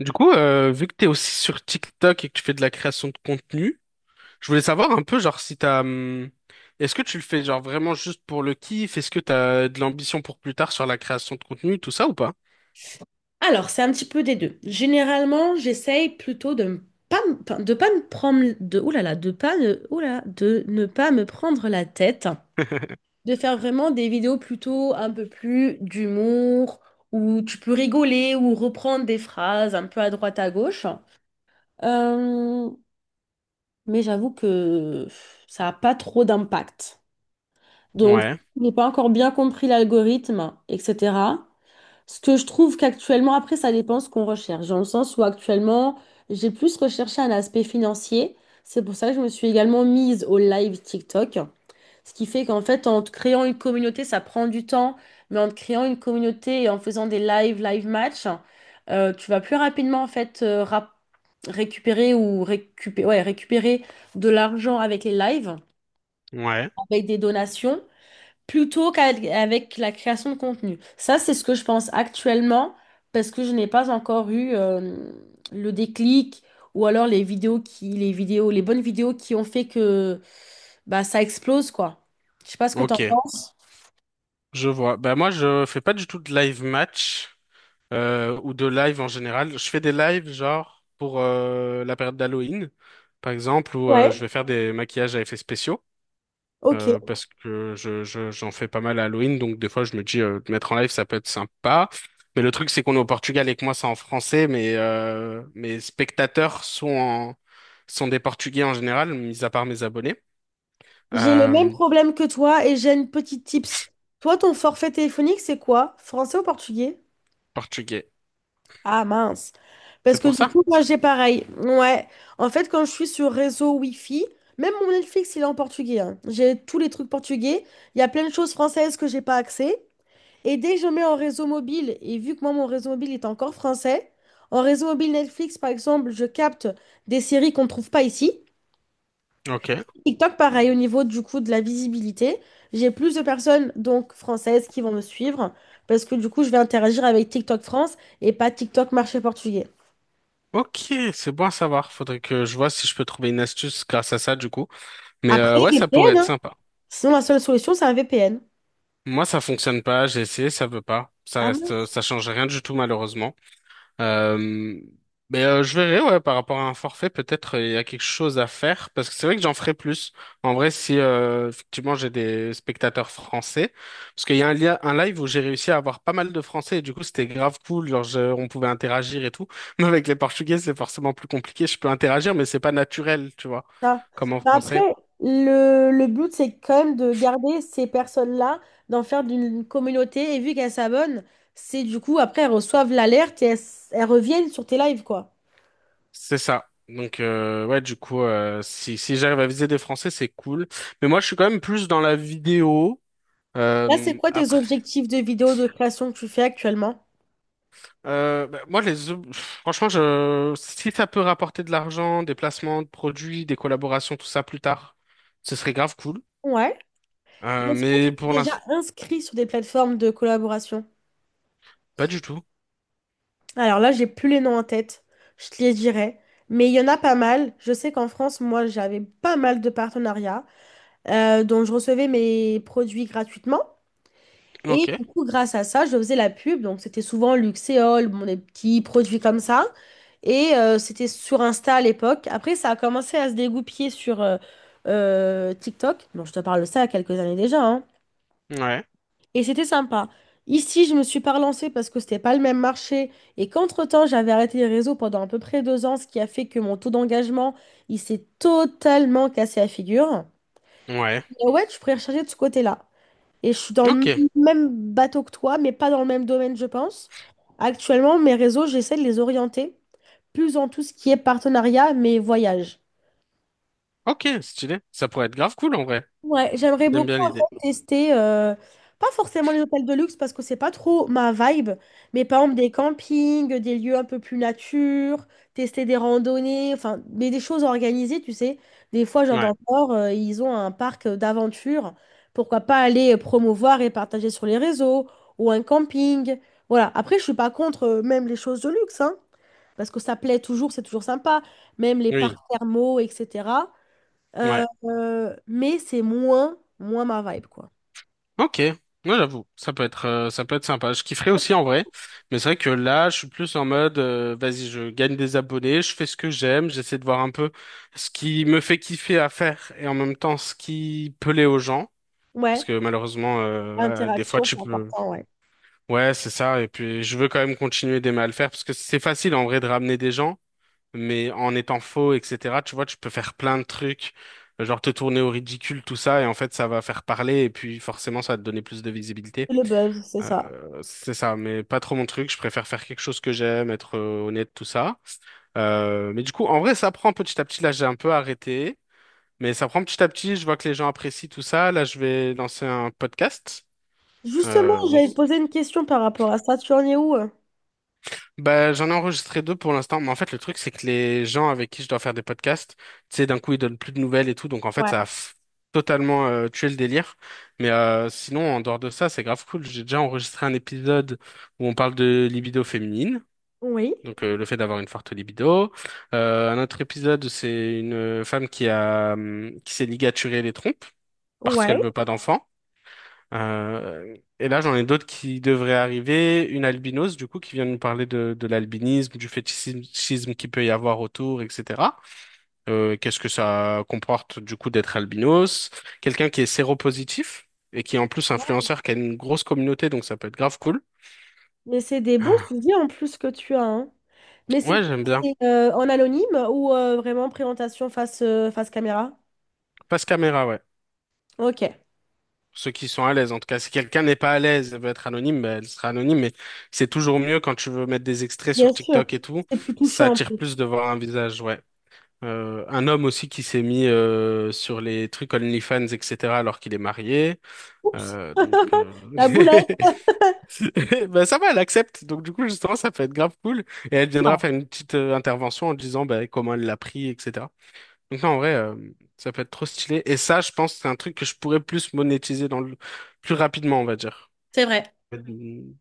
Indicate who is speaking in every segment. Speaker 1: Du coup, vu que t'es aussi sur TikTok et que tu fais de la création de contenu, je voulais savoir un peu, genre, si t'as, est-ce que tu le fais genre vraiment juste pour le kiff? Est-ce que t'as de l'ambition pour plus tard sur la création de contenu, tout ça ou pas?
Speaker 2: Alors, c'est un petit peu des deux. Généralement, j'essaye plutôt pas de pas me prendre de, ouh là là, de pas ne- ouh là, de ne pas me prendre la tête, de faire vraiment des vidéos plutôt un peu plus d'humour, où tu peux rigoler ou reprendre des phrases un peu à droite à gauche. Euh, mais j'avoue que ça n'a pas trop d'impact. Donc,
Speaker 1: Ouais,
Speaker 2: je n'ai pas encore bien compris l'algorithme, etc. Ce que je trouve qu'actuellement, après, ça dépend ce qu'on recherche, dans le sens où actuellement, j'ai plus recherché un aspect financier. C'est pour ça que je me suis également mise au live TikTok. Ce qui fait qu'en fait, en te créant une communauté, ça prend du temps, mais en te créant une communauté et en faisant des live match, tu vas plus rapidement en fait récupérer ouais, récupérer de l'argent avec les lives,
Speaker 1: ouais,
Speaker 2: avec des donations plutôt qu'avec la création de contenu. Ça, c'est ce que je pense actuellement parce que je n'ai pas encore eu le déclic ou alors les bonnes vidéos qui ont fait que bah, ça explose, quoi. Je sais pas ce que t'en
Speaker 1: ok,
Speaker 2: penses.
Speaker 1: je vois. Bah moi, je fais pas du tout de live match ou de live en général. Je fais des lives genre pour la période d'Halloween, par exemple, où je
Speaker 2: Ouais,
Speaker 1: vais faire des maquillages à effets spéciaux. euh,
Speaker 2: ok.
Speaker 1: parce que j'en fais pas mal à Halloween, donc des fois je me dis de mettre en live ça peut être sympa. Mais le truc c'est qu'on est au Portugal et que moi c'est en français, mais mes spectateurs sont des Portugais en général, mis à part mes abonnés.
Speaker 2: J'ai le même
Speaker 1: Euh,
Speaker 2: problème que toi et j'ai une petite tips. Toi, ton forfait téléphonique, c'est quoi? Français ou portugais?
Speaker 1: Portugais.
Speaker 2: Ah mince.
Speaker 1: C'est
Speaker 2: Parce que
Speaker 1: pour
Speaker 2: du
Speaker 1: ça?
Speaker 2: coup, moi j'ai pareil. Ouais. En fait, quand je suis sur réseau Wi-Fi, même mon Netflix, il est en portugais, hein. J'ai tous les trucs portugais. Il y a plein de choses françaises que j'ai pas accès. Et dès que je mets en réseau mobile, et vu que moi mon réseau mobile est encore français, en réseau mobile Netflix, par exemple, je capte des séries qu'on ne trouve pas ici.
Speaker 1: Ok.
Speaker 2: TikTok, pareil, au niveau du coup de la visibilité, j'ai plus de personnes donc françaises qui vont me suivre. Parce que du coup, je vais interagir avec TikTok France et pas TikTok marché portugais.
Speaker 1: Ok, c'est bon à savoir. Faudrait que je vois si je peux trouver une astuce grâce à ça du coup. Mais
Speaker 2: Après,
Speaker 1: ouais, ça pourrait
Speaker 2: VPN,
Speaker 1: être
Speaker 2: hein.
Speaker 1: sympa.
Speaker 2: Sinon, la seule solution, c'est un VPN.
Speaker 1: Moi, ça fonctionne pas, j'ai essayé, ça veut pas. Ça
Speaker 2: Ah
Speaker 1: reste,
Speaker 2: mince,
Speaker 1: ça change rien du tout malheureusement. Euh, mais je verrai, ouais, par rapport à un forfait, peut-être il y a quelque chose à faire, parce que c'est vrai que j'en ferai plus. En vrai, si effectivement j'ai des spectateurs français, parce qu'il y a un live où j'ai réussi à avoir pas mal de français, et du coup c'était grave cool, genre on pouvait interagir et tout. Mais avec les portugais, c'est forcément plus compliqué, je peux interagir, mais c'est pas naturel, tu vois,
Speaker 2: ça.
Speaker 1: comme en
Speaker 2: Bah, après,
Speaker 1: français.
Speaker 2: le but, c'est quand même de garder ces personnes-là, d'en faire d'une communauté. Et vu qu'elles s'abonnent, c'est du coup, après, elles reçoivent l'alerte et elles, elles reviennent sur tes lives, quoi.
Speaker 1: C'est ça. Donc ouais, du coup, si j'arrive à viser des français, c'est cool. Mais moi, je suis quand même plus dans la vidéo.
Speaker 2: Là, c'est
Speaker 1: Euh,
Speaker 2: quoi tes objectifs de vidéos de création que tu fais actuellement?
Speaker 1: bah, moi, franchement, si ça peut rapporter de l'argent, des placements de produits, des collaborations, tout ça plus tard, ce serait grave cool.
Speaker 2: Ouais. Et
Speaker 1: Euh,
Speaker 2: est-ce que tu
Speaker 1: mais pour
Speaker 2: es déjà
Speaker 1: l'instant,
Speaker 2: inscrit sur des plateformes de collaboration?
Speaker 1: pas du tout.
Speaker 2: Alors là, j'ai plus les noms en tête, je te les dirai. Mais il y en a pas mal. Je sais qu'en France, moi, j'avais pas mal de partenariats dont je recevais mes produits gratuitement. Et
Speaker 1: Ok.
Speaker 2: du coup, grâce à ça, je faisais la pub. Donc, c'était souvent Luxéol, bon, des petits produits comme ça. Et c'était sur Insta à l'époque. Après, ça a commencé à se dégoupiller sur TikTok. Bon, je te parle de ça il y a quelques années déjà, hein.
Speaker 1: Ouais.
Speaker 2: Et c'était sympa. Ici, je me suis pas relancée parce que c'était pas le même marché et qu'entre-temps, j'avais arrêté les réseaux pendant à peu près 2 ans, ce qui a fait que mon taux d'engagement, il s'est totalement cassé la figure.
Speaker 1: Ouais.
Speaker 2: Mais ouais, je pourrais recharger de ce côté-là. Et je suis dans le
Speaker 1: Ok.
Speaker 2: même bateau que toi, mais pas dans le même domaine, je pense. Actuellement, mes réseaux, j'essaie de les orienter plus en tout ce qui est partenariat, mais voyage.
Speaker 1: Ok. Stylé. Ça pourrait être grave cool en vrai.
Speaker 2: Ouais, j'aimerais
Speaker 1: J'aime
Speaker 2: beaucoup
Speaker 1: bien
Speaker 2: en
Speaker 1: l'idée.
Speaker 2: fait tester, pas forcément les hôtels de luxe parce que c'est pas trop ma vibe, mais par exemple des campings, des lieux un peu plus nature, tester des randonnées, enfin, mais des choses organisées, tu sais. Des fois, genre dans
Speaker 1: Ouais.
Speaker 2: le Nord, ils ont un parc d'aventure, pourquoi pas aller promouvoir et partager sur les réseaux, ou un camping. Voilà, après, je suis pas contre même les choses de luxe, hein, parce que ça plaît toujours, c'est toujours sympa, même les parcs
Speaker 1: Oui.
Speaker 2: thermaux, etc.
Speaker 1: Ouais.
Speaker 2: Mais c'est moins, moins ma vibe, quoi.
Speaker 1: Ok, moi j'avoue, ça peut être sympa. Je kifferais aussi en vrai, mais c'est vrai que là, je suis plus en mode vas-y, je gagne des abonnés, je fais ce que j'aime, j'essaie de voir un peu ce qui me fait kiffer à faire et en même temps ce qui plaît aux gens. Parce
Speaker 2: Ouais,
Speaker 1: que malheureusement, des fois,
Speaker 2: l'interaction,
Speaker 1: tu
Speaker 2: c'est
Speaker 1: peux...
Speaker 2: important, ouais.
Speaker 1: Ouais, c'est ça. Et puis, je veux quand même continuer d'aimer à le faire parce que c'est facile en vrai de ramener des gens, mais en étant faux, etc., tu vois, tu peux faire plein de trucs, genre te tourner au ridicule, tout ça, et en fait, ça va faire parler et puis forcément, ça va te donner plus de visibilité.
Speaker 2: C'est le buzz, c'est ça.
Speaker 1: C'est ça, mais pas trop mon truc. Je préfère faire quelque chose que j'aime, être honnête, tout ça. Mais du coup, en vrai, ça prend petit à petit. Là, j'ai un peu arrêté, mais ça prend petit à petit. Je vois que les gens apprécient tout ça. Là, je vais lancer un podcast.
Speaker 2: Justement,
Speaker 1: Bon,
Speaker 2: j'allais te poser une question par rapport à ça. Tu en es où?
Speaker 1: bah, j'en ai enregistré deux pour l'instant, mais en fait, le truc, c'est que les gens avec qui je dois faire des podcasts, tu sais, d'un coup, ils donnent plus de nouvelles et tout, donc en fait,
Speaker 2: Ouais.
Speaker 1: totalement tué le délire. Mais sinon, en dehors de ça, c'est grave cool. J'ai déjà enregistré un épisode où on parle de libido féminine.
Speaker 2: Oui,
Speaker 1: Donc le fait d'avoir une forte libido. Un autre épisode, c'est une femme qui s'est ligaturée les trompes parce qu'elle
Speaker 2: ouais.
Speaker 1: veut pas d'enfant. Et là, j'en ai d'autres qui devraient arriver. Une albinos, du coup, qui vient nous parler de l'albinisme, du fétichisme qu'il peut y avoir autour, etc. Qu'est-ce que ça comporte, du coup, d'être albinos? Quelqu'un qui est séropositif et qui est en plus influenceur, qui a une grosse communauté, donc ça peut être grave cool.
Speaker 2: Mais c'est des bons
Speaker 1: Ah,
Speaker 2: sujets en plus que tu as, hein. Mais c'est
Speaker 1: ouais,
Speaker 2: quoi,
Speaker 1: j'aime bien.
Speaker 2: en anonyme ou vraiment présentation face, face caméra?
Speaker 1: Passe caméra, ouais.
Speaker 2: Ok.
Speaker 1: Ceux qui sont à l'aise. En tout cas, si quelqu'un n'est pas à l'aise, elle veut être anonyme, ben, elle sera anonyme. Mais c'est toujours mieux quand tu veux mettre des extraits
Speaker 2: Bien
Speaker 1: sur
Speaker 2: sûr.
Speaker 1: TikTok et tout.
Speaker 2: C'est plus
Speaker 1: Ça
Speaker 2: touchant.
Speaker 1: attire plus de voir un visage, ouais. Un homme aussi qui s'est mis sur les trucs OnlyFans, etc., alors qu'il est marié.
Speaker 2: Oups.
Speaker 1: Donc,
Speaker 2: La boulette.
Speaker 1: ben, ça va, elle accepte. Donc, du coup, justement, ça peut être grave cool. Et elle viendra faire une petite intervention en disant ben, comment elle l'a pris, etc. Donc non, en vrai, ça peut être trop stylé. Et ça, je pense que c'est un truc que je pourrais plus monétiser plus rapidement, on va dire.
Speaker 2: C'est vrai.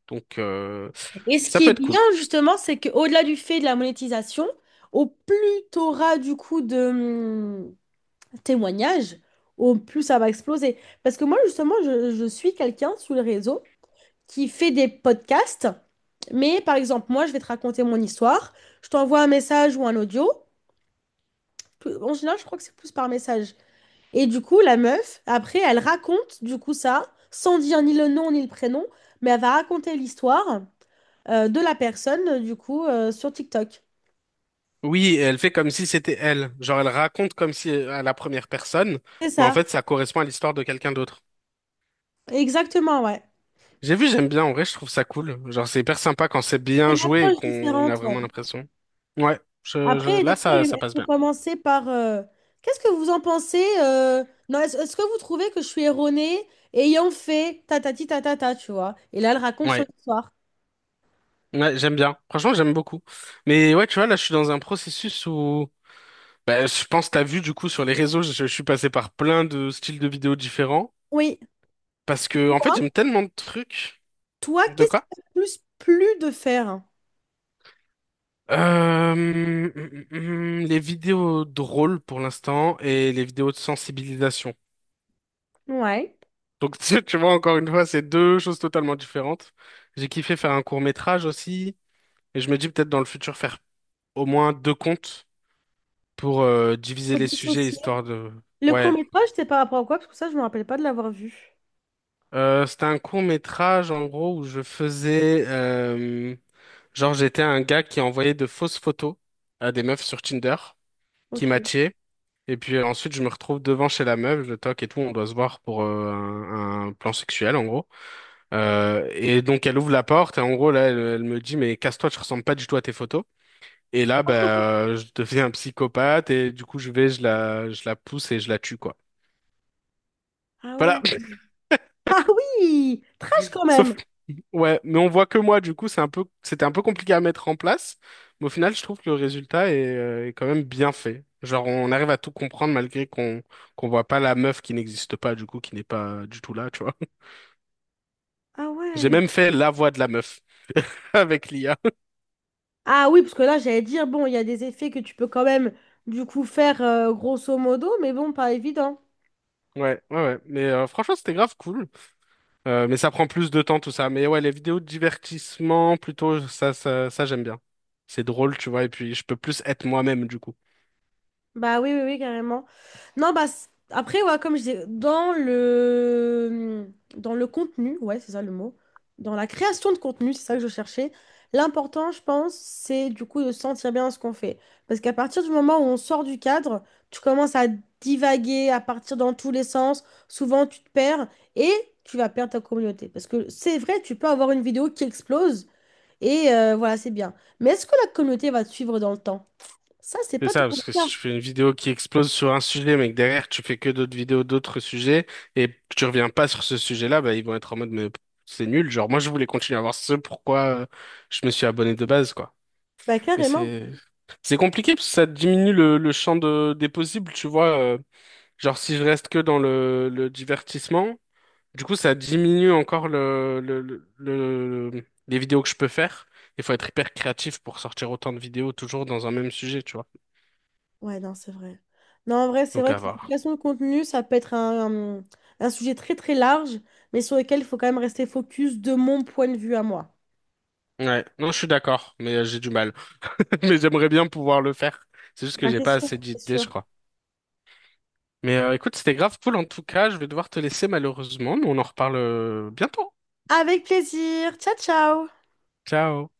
Speaker 1: Donc,
Speaker 2: Et ce
Speaker 1: ça
Speaker 2: qui
Speaker 1: peut
Speaker 2: est
Speaker 1: être
Speaker 2: bien,
Speaker 1: cool.
Speaker 2: justement, c'est qu'au-delà du fait de la monétisation, au plus t'auras du coup de témoignages, au plus ça va exploser. Parce que moi, justement, je suis quelqu'un sur les réseaux qui fait des podcasts, mais par exemple, moi, je vais te raconter mon histoire, je t'envoie un message ou un audio. En général, je crois que c'est plus par message. Et du coup, la meuf, après, elle raconte du coup ça, sans dire ni le nom ni le prénom, mais elle va raconter l'histoire de la personne, du coup, sur TikTok.
Speaker 1: Oui, et elle fait comme si c'était elle. Genre, elle raconte comme si à la première personne,
Speaker 2: C'est
Speaker 1: mais en
Speaker 2: ça,
Speaker 1: fait, ça correspond à l'histoire de quelqu'un d'autre.
Speaker 2: exactement, ouais.
Speaker 1: J'ai vu, j'aime bien. En vrai, je trouve ça cool. Genre, c'est hyper sympa quand c'est
Speaker 2: C'est
Speaker 1: bien
Speaker 2: une
Speaker 1: joué et
Speaker 2: approche
Speaker 1: qu'on a
Speaker 2: différente, ouais.
Speaker 1: vraiment l'impression. Ouais,
Speaker 2: Après, des
Speaker 1: là,
Speaker 2: fois,
Speaker 1: ça
Speaker 2: elle
Speaker 1: passe
Speaker 2: peut
Speaker 1: bien.
Speaker 2: commencer par Qu'est-ce que vous en pensez Non, est-ce que vous trouvez que je suis erronée ayant fait tatati tatata, tu vois? Et là, elle raconte son
Speaker 1: Ouais,
Speaker 2: histoire.
Speaker 1: ouais, j'aime bien. Franchement, j'aime beaucoup. Mais ouais, tu vois, là, je suis dans un processus où bah, je pense que t'as vu du coup sur les réseaux, je suis passé par plein de styles de vidéos différents
Speaker 2: Oui.
Speaker 1: parce
Speaker 2: Et
Speaker 1: que en fait
Speaker 2: Toi,
Speaker 1: j'aime tellement de trucs.
Speaker 2: toi,
Speaker 1: De
Speaker 2: qu'est-ce qui
Speaker 1: quoi?
Speaker 2: t'a le plus plu de faire?
Speaker 1: Les vidéos drôles pour l'instant et les vidéos de sensibilisation.
Speaker 2: Ouais.
Speaker 1: Donc tu vois encore une fois, c'est deux choses totalement différentes. J'ai kiffé faire un court-métrage aussi et je me dis peut-être dans le futur faire au moins deux comptes pour diviser
Speaker 2: Faut
Speaker 1: les sujets
Speaker 2: dissocier.
Speaker 1: histoire de
Speaker 2: Le
Speaker 1: ouais.
Speaker 2: court-métrage, c'était par rapport à quoi? Parce que ça, je me rappelle pas de l'avoir vu.
Speaker 1: C'était un court-métrage, en gros, où genre, j'étais un gars qui envoyait de fausses photos à des meufs sur Tinder, qui
Speaker 2: Ok.
Speaker 1: matchaient. Et puis ensuite, je me retrouve devant chez la meuf, je toque et tout, on doit se voir pour un plan sexuel, en gros. Et donc, elle ouvre la porte, et en gros, là, elle me dit, mais casse-toi, tu ressembles pas du tout à tes photos. Et là, bah, je deviens un psychopathe, et du coup, je la pousse et je la tue, quoi.
Speaker 2: Ah ouais.
Speaker 1: Voilà.
Speaker 2: Ah oui, trash quand même.
Speaker 1: Sauf, ouais, mais on voit que moi, du coup, c'était un peu compliqué à mettre en place, mais au final, je trouve que le résultat est quand même bien fait. Genre, on arrive à tout comprendre malgré qu'on voit pas la meuf qui n'existe pas, du coup, qui n'est pas du tout là, tu vois.
Speaker 2: Ah
Speaker 1: J'ai
Speaker 2: ouais.
Speaker 1: même fait la voix de la meuf avec l'IA.
Speaker 2: Ah oui, parce que là, j'allais dire, bon, il y a des effets que tu peux quand même, du coup, faire grosso modo, mais bon, pas évident.
Speaker 1: Ouais, ouais, ouais. Mais franchement, c'était grave cool. Mais ça prend plus de temps, tout ça. Mais ouais, les vidéos de divertissement, plutôt, ça, j'aime bien. C'est drôle, tu vois, et puis je peux plus être moi-même, du coup.
Speaker 2: Bah oui, oui, oui, carrément. Non, après, ouais, comme je dis, dans le, contenu, ouais, c'est ça le mot, dans la création de contenu, c'est ça que je cherchais, l'important, je pense, c'est du coup de se sentir bien dans ce qu'on fait. Parce qu'à partir du moment où on sort du cadre, tu commences à divaguer, à partir dans tous les sens, souvent tu te perds et tu vas perdre ta communauté. Parce que c'est vrai, tu peux avoir une vidéo qui explose et voilà, c'est bien. Mais est-ce que la communauté va te suivre dans le temps? Ça, c'est
Speaker 1: C'est
Speaker 2: pas
Speaker 1: ça,
Speaker 2: tout le
Speaker 1: parce que si
Speaker 2: cas.
Speaker 1: tu fais une vidéo qui explose sur un sujet, mais que derrière tu fais que d'autres vidéos d'autres sujets, et que tu reviens pas sur ce sujet-là, bah ils vont être en mode mais c'est nul. Genre moi je voulais continuer à voir ce pourquoi je me suis abonné de base, quoi.
Speaker 2: Bah
Speaker 1: Mais
Speaker 2: carrément.
Speaker 1: c'est compliqué parce que ça diminue le champ des possibles, tu vois. Genre si je reste que dans le divertissement, du coup ça diminue encore les vidéos que je peux faire. Il faut être hyper créatif pour sortir autant de vidéos toujours dans un même sujet, tu vois.
Speaker 2: Ouais, non, c'est vrai. Non, en vrai, c'est
Speaker 1: Donc
Speaker 2: vrai
Speaker 1: à
Speaker 2: que la
Speaker 1: voir.
Speaker 2: création de contenu, ça peut être un sujet très très large, mais sur lequel il faut quand même rester focus de mon point de vue à moi.
Speaker 1: Ouais, non, je suis d'accord, mais j'ai du mal. Mais j'aimerais bien pouvoir le faire. C'est juste que
Speaker 2: Bah,
Speaker 1: j'ai
Speaker 2: c'est
Speaker 1: pas
Speaker 2: sûr,
Speaker 1: assez
Speaker 2: c'est
Speaker 1: d'idées, je
Speaker 2: sûr.
Speaker 1: crois. Mais écoute, c'était grave cool en tout cas. Je vais devoir te laisser malheureusement, mais on en reparle bientôt.
Speaker 2: Avec plaisir. Ciao, ciao!
Speaker 1: Ciao.